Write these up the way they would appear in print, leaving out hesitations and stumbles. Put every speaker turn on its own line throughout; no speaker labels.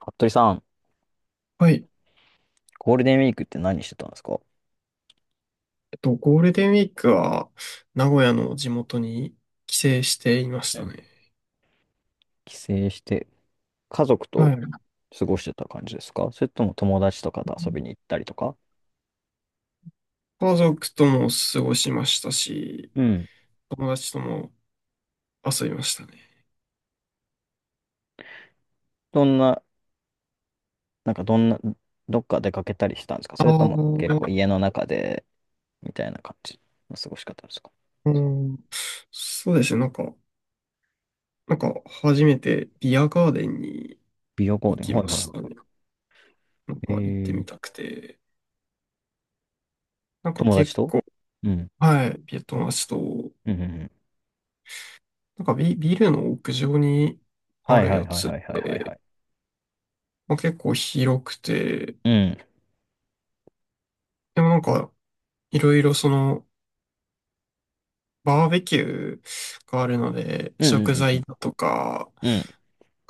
服部さん、
はい。
ゴールデンウィークって何してたんですか？
ゴールデンウィークは、名古屋の地元に帰省していまし
う
た
ん。
ね。
帰省して、家族
は
と
い。
過ごしてた感じですか？それとも友達とかと遊びに行ったりとか。
家族とも過ごしましたし、
うん。
友達とも遊びましたね。
どんな、なんかどんな、どっか出かけたりしたんですか？
あ
それとも結構
ー
家の中で、みたいな感じの過ごし方ですか？
あの、そうですね。なんか、初めてビアガーデンに
美容ゴー
行
ルデン、
き
は
ま
いはい
し
は
たね。なん
い。
か、行ってみたくて。なんか
友達
結
と。
構、
うん。
はい、ビア友達と、
うんうんうん。
ビルの屋上にあ
はい
る
はい
や
はい
つ、
はいはいはいはい。
まあ、結構広くて、
うん。
でもなんか、いろいろその、バーベキューがあるので、
うんう
食
んうん
材だとか、
うん。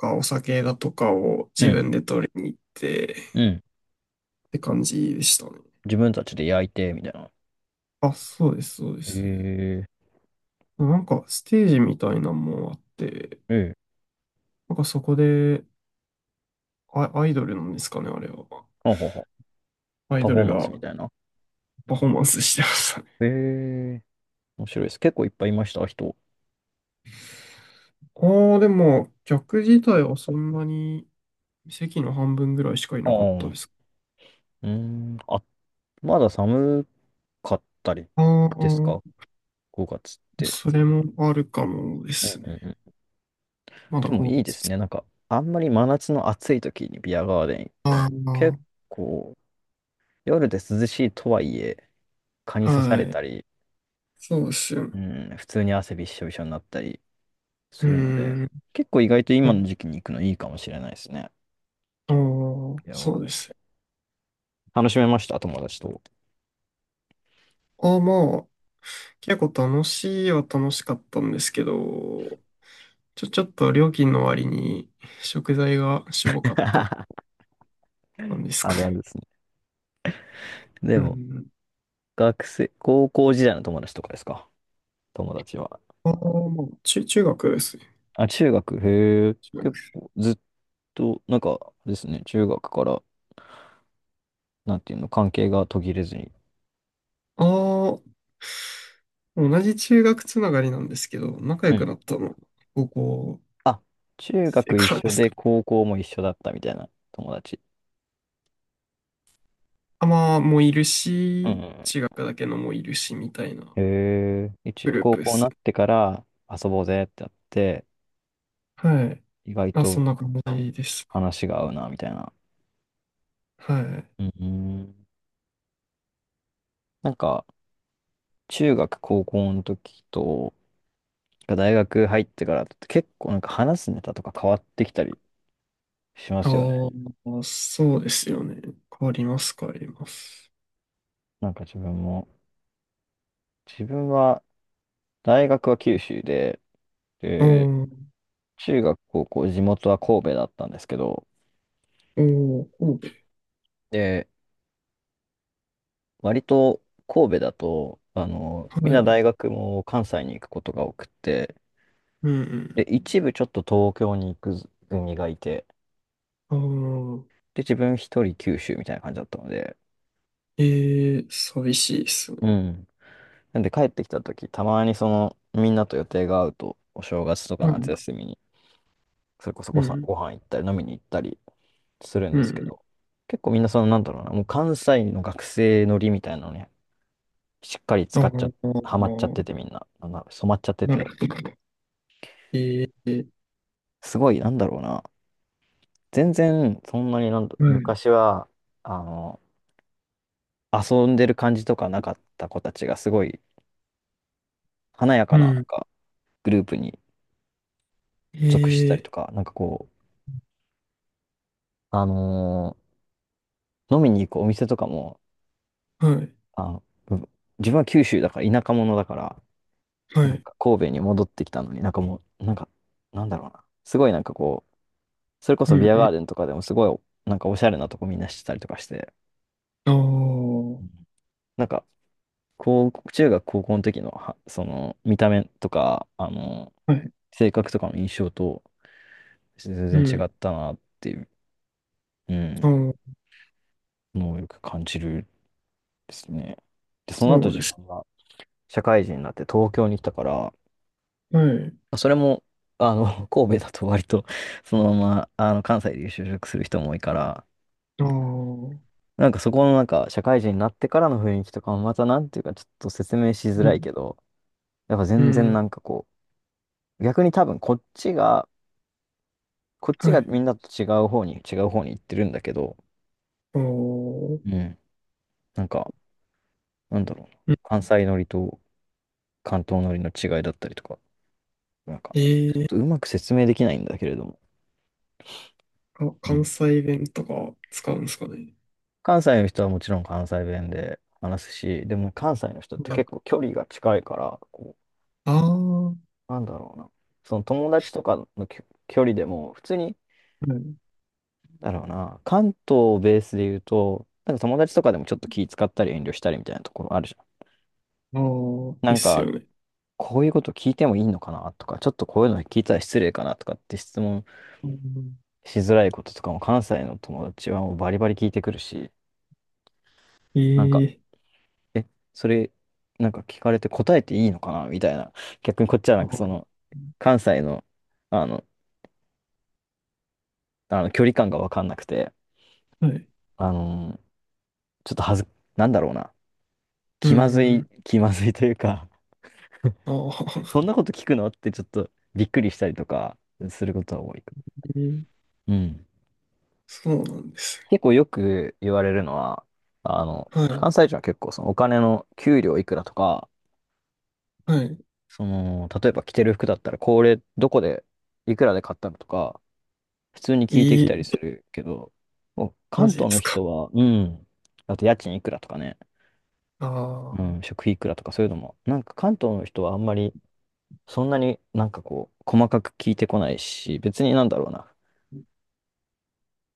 お酒だとかを
う
自
ん。
分で取りに行って
う
っ
ん。うん。
て感じでしたね。
自分たちで焼いて、みたいな。
あ、そうです、そうです。
え
なんかステージみたいなのもあって、
ー、えー。
なんかそこで、アイドルなんですかね、あれは。
ほほうほう。
アイ
パ
ド
フォー
ル
マン
が
スみたいな。
パフォーマンスしてましたね。
ええ、面白いです。結構いっぱいいました、人。
ああ、でも、客自体はそんなに席の半分ぐらいしかい
あ
なかっ
あ、
た
う
です。
ーん。あ、まだ寒かったり
あ
ですか？
あ、
5 月っ
それ
て。
もあるかもで
うんう
すね。
んうん。
まだ
でも
5
いいですね。なんか、あんまり真夏の暑い時にビアガーデン行って
あ
も、結構、夜で涼しいとはいえ、蚊に
あ、
刺さ
は
れ
い。
たり、
そうです
う
よ。
ん、普通に汗びっしょびしょになったり
う
するので、
ーん。
結構意外と今
あ
の時期に行くのいいかもしれないですね。
あー、
ビアガ
そ
ー
う
デ
で
ン
すよ。
楽しめました、友達と。
ああ、まあ、結構楽しいは楽しかったんですけど、ちょっと料金の割に食材がしょぼかった 感じです
あ
か
るある
ね。
ですね。で
う
も、
ん。
学生、高校時代の友達とかですか？友達は。
ああ、まあ、中学ですね。
あ、中学、へえ、
中
結
学
構ずっと、なんかですね、中学から、なんていうの、関係が途切れずに。
ああ、同じ中学つながりなんですけど、仲
う
良く
ん。
なったの、高校
あ、中
生
学一
からで
緒
す
で
か。
高校も一緒だったみたいな友達。
あ、まあ、もういる
うんう
し、
ん
中学だけのもいるし、みたいな。
うん。へえ、一、
グルー
高
プで
校に
す。
なってから遊ぼうぜってやって、
はい。
意外
まあ、そん
と
な感じです。
話が合うな、みたいな。
はい。
うんうん。なんか、中学、高校の時と、大学入ってからだと結構なんか話すネタとか変わってきたりしま
あ
すよね。
あ、そうですよね。変わります、変わります。
なんか自分も、自分は大学は九州で、
ああ、
で、
お
中学、高校、地元は神戸だったんですけど、
お、神戸。
で、割と神戸だと、
は
みんな
い。
大学も関西に行くことが多くて、
う
で、
ん
一部ちょっと東京に行く組がいて、
うん。ああ、
で、自分一人九州みたいな感じだったので、
えー、寂しいです
う
ね。
ん。なんで帰ってきた時、たまにその、みんなと予定が合うと、お正月とか
は
夏
い。
休みに、それこそ
うん、
ご飯行ったり飲みに行ったりするん
う
ですけ
ん。
ど、結構みんなその、なんだろうな、もう関西の学生のりみたいなのね、しっかり
あ
使っちゃ、
あ、
ハマっちゃっててみんな、なんだ染まっちゃって
なる
て、
ほど。えー、
すごい、なんだろうな、全然そんなになんだ、
はい。
昔は、あの、遊んでる感じとかなかった子たちがすごい華やか
う
な、なん
ん。
かグループに属してたり
え
とか、なんかこう、あの飲みに行くお店とかも、
ー、はい。
あの、う、自分は九州だから田舎者だから、
は
なん
い。
か神戸に戻ってきたのに、なんかもう、なんか、なんだろうな。すごいなんかこう、それこ
う
そビ
ん
ア
う
ガー
ん。
デンとかでもすごい、なんかおしゃれなとこみんなしてたりとかして、
あ
うん。なんか、こう、中学高校の時のは、その、見た目とか、
あ、はい。
性格とかの印象と全
う
然違っ
ん。
たなっていう、う
あ
ん、
あ、
のをよく感じるですね。で、その後
そうで
自
す。
分が社会人になって東京に来たから、
はい。
まあそれも、神戸だと割と、そのまま、関西で就職する人も多いから、
ああ。
なんかそこのなんか、社会人になってからの雰囲気とかもまたなんていうか、ちょっと説明しづ
う
らい
ん。
けど、やっぱ
う
全然
ん。
なんかこう、逆に多分こっちが、
はい。
みんなと違う方に、行ってるんだけど、
おー。
うん、なんか、なんだろうな、
うん
関西乗りと関東乗りの違いだったりとか、なんか、
え
ちょっ
ー、
とうまく説明できないんだけれども、
あ
う
関
ん。
西弁とか使うんですかね。
関西の人はもちろん関西弁で話すし、でも関西の人って
なん
結
か、
構距離が近いから、こ
ああ、はい。
う、なんだろうな。その友達とかの距離でも、普通に、なんだろうな、関東をベースで言うと、なんか友達とかでもちょっと気使ったり遠慮したりみたいなところあるじゃん。
ああ、
な
で
ん
す
か、
よね。
こういうこと聞いてもいいのかなとか、ちょっとこういうの聞いたら失礼かなとかって質問
うん
しづらいこととかも関西の友達はもうバリバリ聞いてくるし、
え
なんか、
ー、
え、それ、なんか聞かれて答えていいのかなみたいな。逆にこっちはな
あ
んかそ
ー
の、関西の、あの、あの距離感がわかんなくて、
はい。
あのーちょっとはず、なんだろうな。
う
気まずい、
ん。
気まずい というか
ああ、
そんなこと聞くのってちょっとびっくりしたりとかすることは多い。
えー
うん。
そうなんですね。
結構よく言われるのは、
は
関西人は結構そのお金の給料いくらとか、
い。はい。
その、例えば着てる服だったらこれどこでいくらで買ったのとか、普通に聞いてき
え
たり
ー、
するけど、もう
マ
関
ジで
東の
すか。
人は、うん、あと家賃いくらとかね、う
あ
ん、
あ、
食費いくらとかそういうのも、なんか関東の人はあんまり、そんなになんかこう、細かく聞いてこないし、別になんだろうな、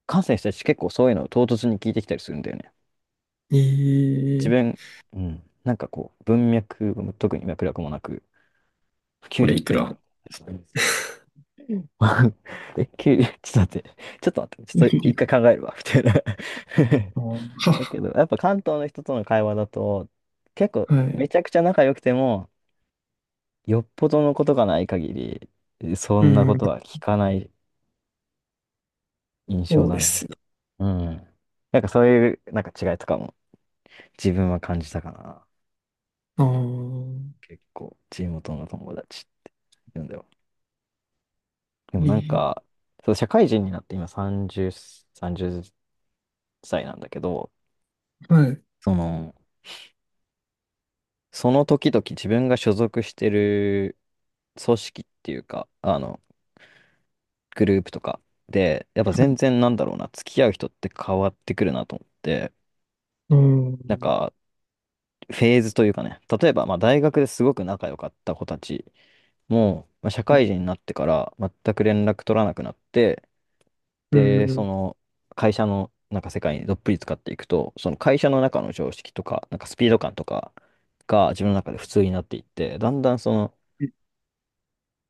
関西の人たち結構そういうのを唐突に聞いてきたりするんだよね。
え
自
ー、
分、うん、なんかこう、文脈、特に脈絡もなく、給
これ
料い
いく
く
ら
ら。 え、給料、ちょっと待って、ちょっと待って、ちょっと一回考えるわ、みたいな。 だけ
は、
ど、やっぱ関東の人との会話だと、結構
は
め
い。
ちゃくちゃ仲良くても、よっぽどのことがない限り、そ
う
んなこ
ん、
とは聞かない印象
そう
だ
です
ね。
ね。
うん。なんかそういう、なんか違いとかも自分は感じたかな。
ああ、
結構、地元の友達って言うんだよ。で
え
もなん
ー
か、そう、社会人になって今30、30歳なんだけど、
はい。
その、その時々自分が所属してる組織っていうか、グループとかで、やっぱ全然なんだろうな、付き合う人って変わってくるなと思って、
う
なん
ん。
か、フェーズというかね、例えば、まあ、大学ですごく仲良かった子たちも、まあ、社会人になってから全く連絡取らなくなって、
う
で、そ
ん。
の、会社のなんか世界にどっぷり使っていくと、その会社の中の常識とか、なんかスピード感とかが自分の中で普通になっていって、だんだんその、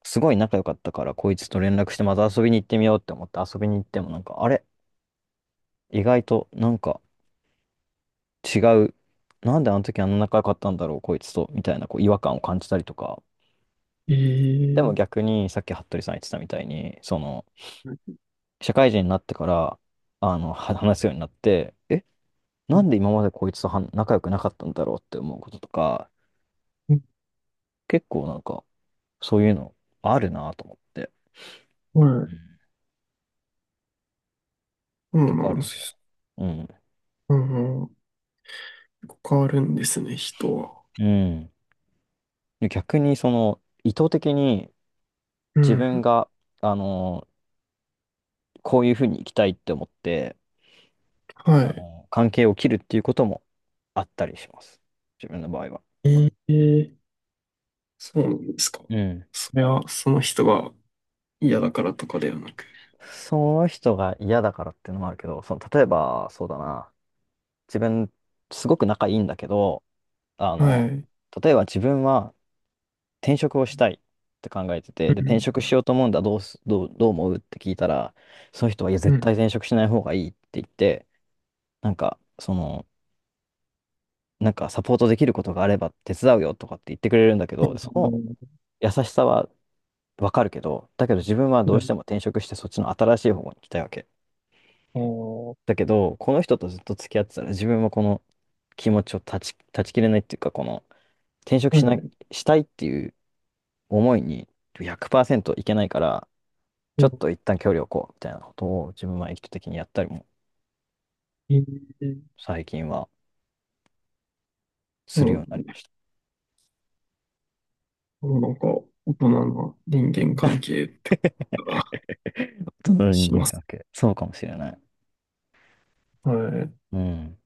すごい仲良かったから、こいつと連絡してまた遊びに行ってみようって思って遊びに行っても、なんか、あれ意外となんか違う。なんであの時あんな仲良かったんだろう、こいつと、みたいなこう違和感を感じたりとか。でも
ええ
逆に、さっき服部さん言ってたみたいに、その、
はい。
社会人になってから、話すようになって、え、なんで今までこいつとは仲良くなかったんだろうって思うこととか、
そ
結構なんか、そういうのあるなと思って、うん。
う
結構
な
あ
ん
る
で
んですよ。
す。
うん。
うん。結構変わるんですね、人は。
うん。で逆に、その、意図的に
う
自分
ん。
が、あの、こういうふうに生きたいって思って、
はい。
関係を切るっていうこともあったりします。自分の場合は。
ええそうなんですか。
うん。
それは、その人が嫌だからとかではなく。
その人が嫌だからっていうのもあるけど、その、例えば、そうだな。自分、すごく仲いいんだけど、あ
は
の、
い。
例えば自分は転職をしたいって考えて
う
て、で、転
ん。
職しようと思うんだ、どう思うって聞いたら、その人は、いや、
う
絶
ん。
対転職しない方がいいって言って、なんか、その、なんかサポートできることがあれば手伝うよとかって言ってくれるんだけ
あ
ど、そ
の、
の優しさはわかるけど、だけど自分はど
い
う
や
しても転職してそっちの新しい方に行きたいわけ。
あー
だけど、この人とずっと付き合ってたら自分はこの気持ちを断ち切れないっていうか、この転職
は
しな
い。
したいっていう思いに100%いけないから、
う
ちょ
ん。
っと一旦距離を置こうみたいなことを自分は意図的にやったりも
ええ
最近は
そ
す
う
るようにな
な
り
ん
ま
で、
した。
なんか、大人な人間関係ってことが
人の人
し
間
ま
関
す。
係。そうかもしれない。
はい。
うん。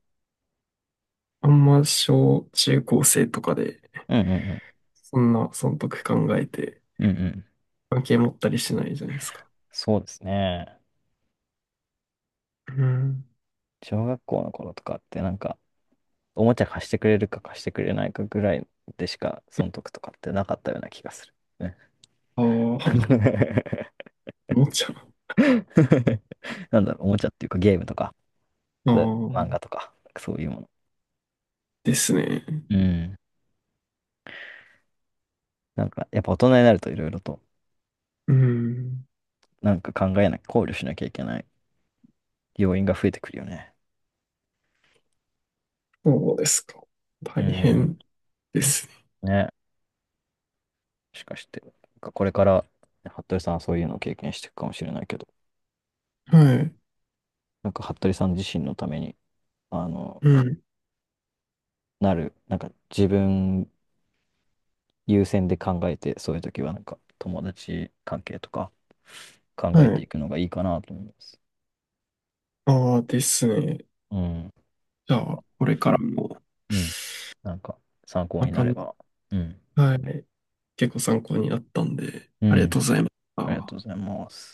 あんま小中高生とかで、
うんうんうん。
そんな損得考えて、
うんうん。
関係持ったりしないじゃないですか。
そうですね。
うん。
小学校の頃とかってなんかおもちゃ貸してくれるか貸してくれないかぐらいでしか、損得とかってなかったような気がする。ね。
ああ、お もちゃう。
なんだろう、おもちゃっていうかゲームとか、
あ
そう漫画と
あ、
か、そういうもの。
ですね。
うん。なんか、やっぱ大人になるといろいろと、
うん。
なんか考えなきゃ、考慮しなきゃいけない要因が増えてくるよね。
そうですか。
う
大
ん。
変ですね。
ね。しかして、なんかこれから、服部さんはそういうのを経験していくかもしれないけど、
はい。
なんか服部さん自身のために、あの、
うん。
なんか自分優先で考えて、そういう時はなんか友達関係とか考
は
えて
い。
いくのがいいかなと思います。
ああ、ですね。
うん。
じゃ
なん
あ、
か、
これからも、こん
うん。なんか参考
な
になれ
感じ。
ば。うん。
はい。結構参考になったんで、
う
ありが
ん。
とうございまし
ありがと
た。
うございます。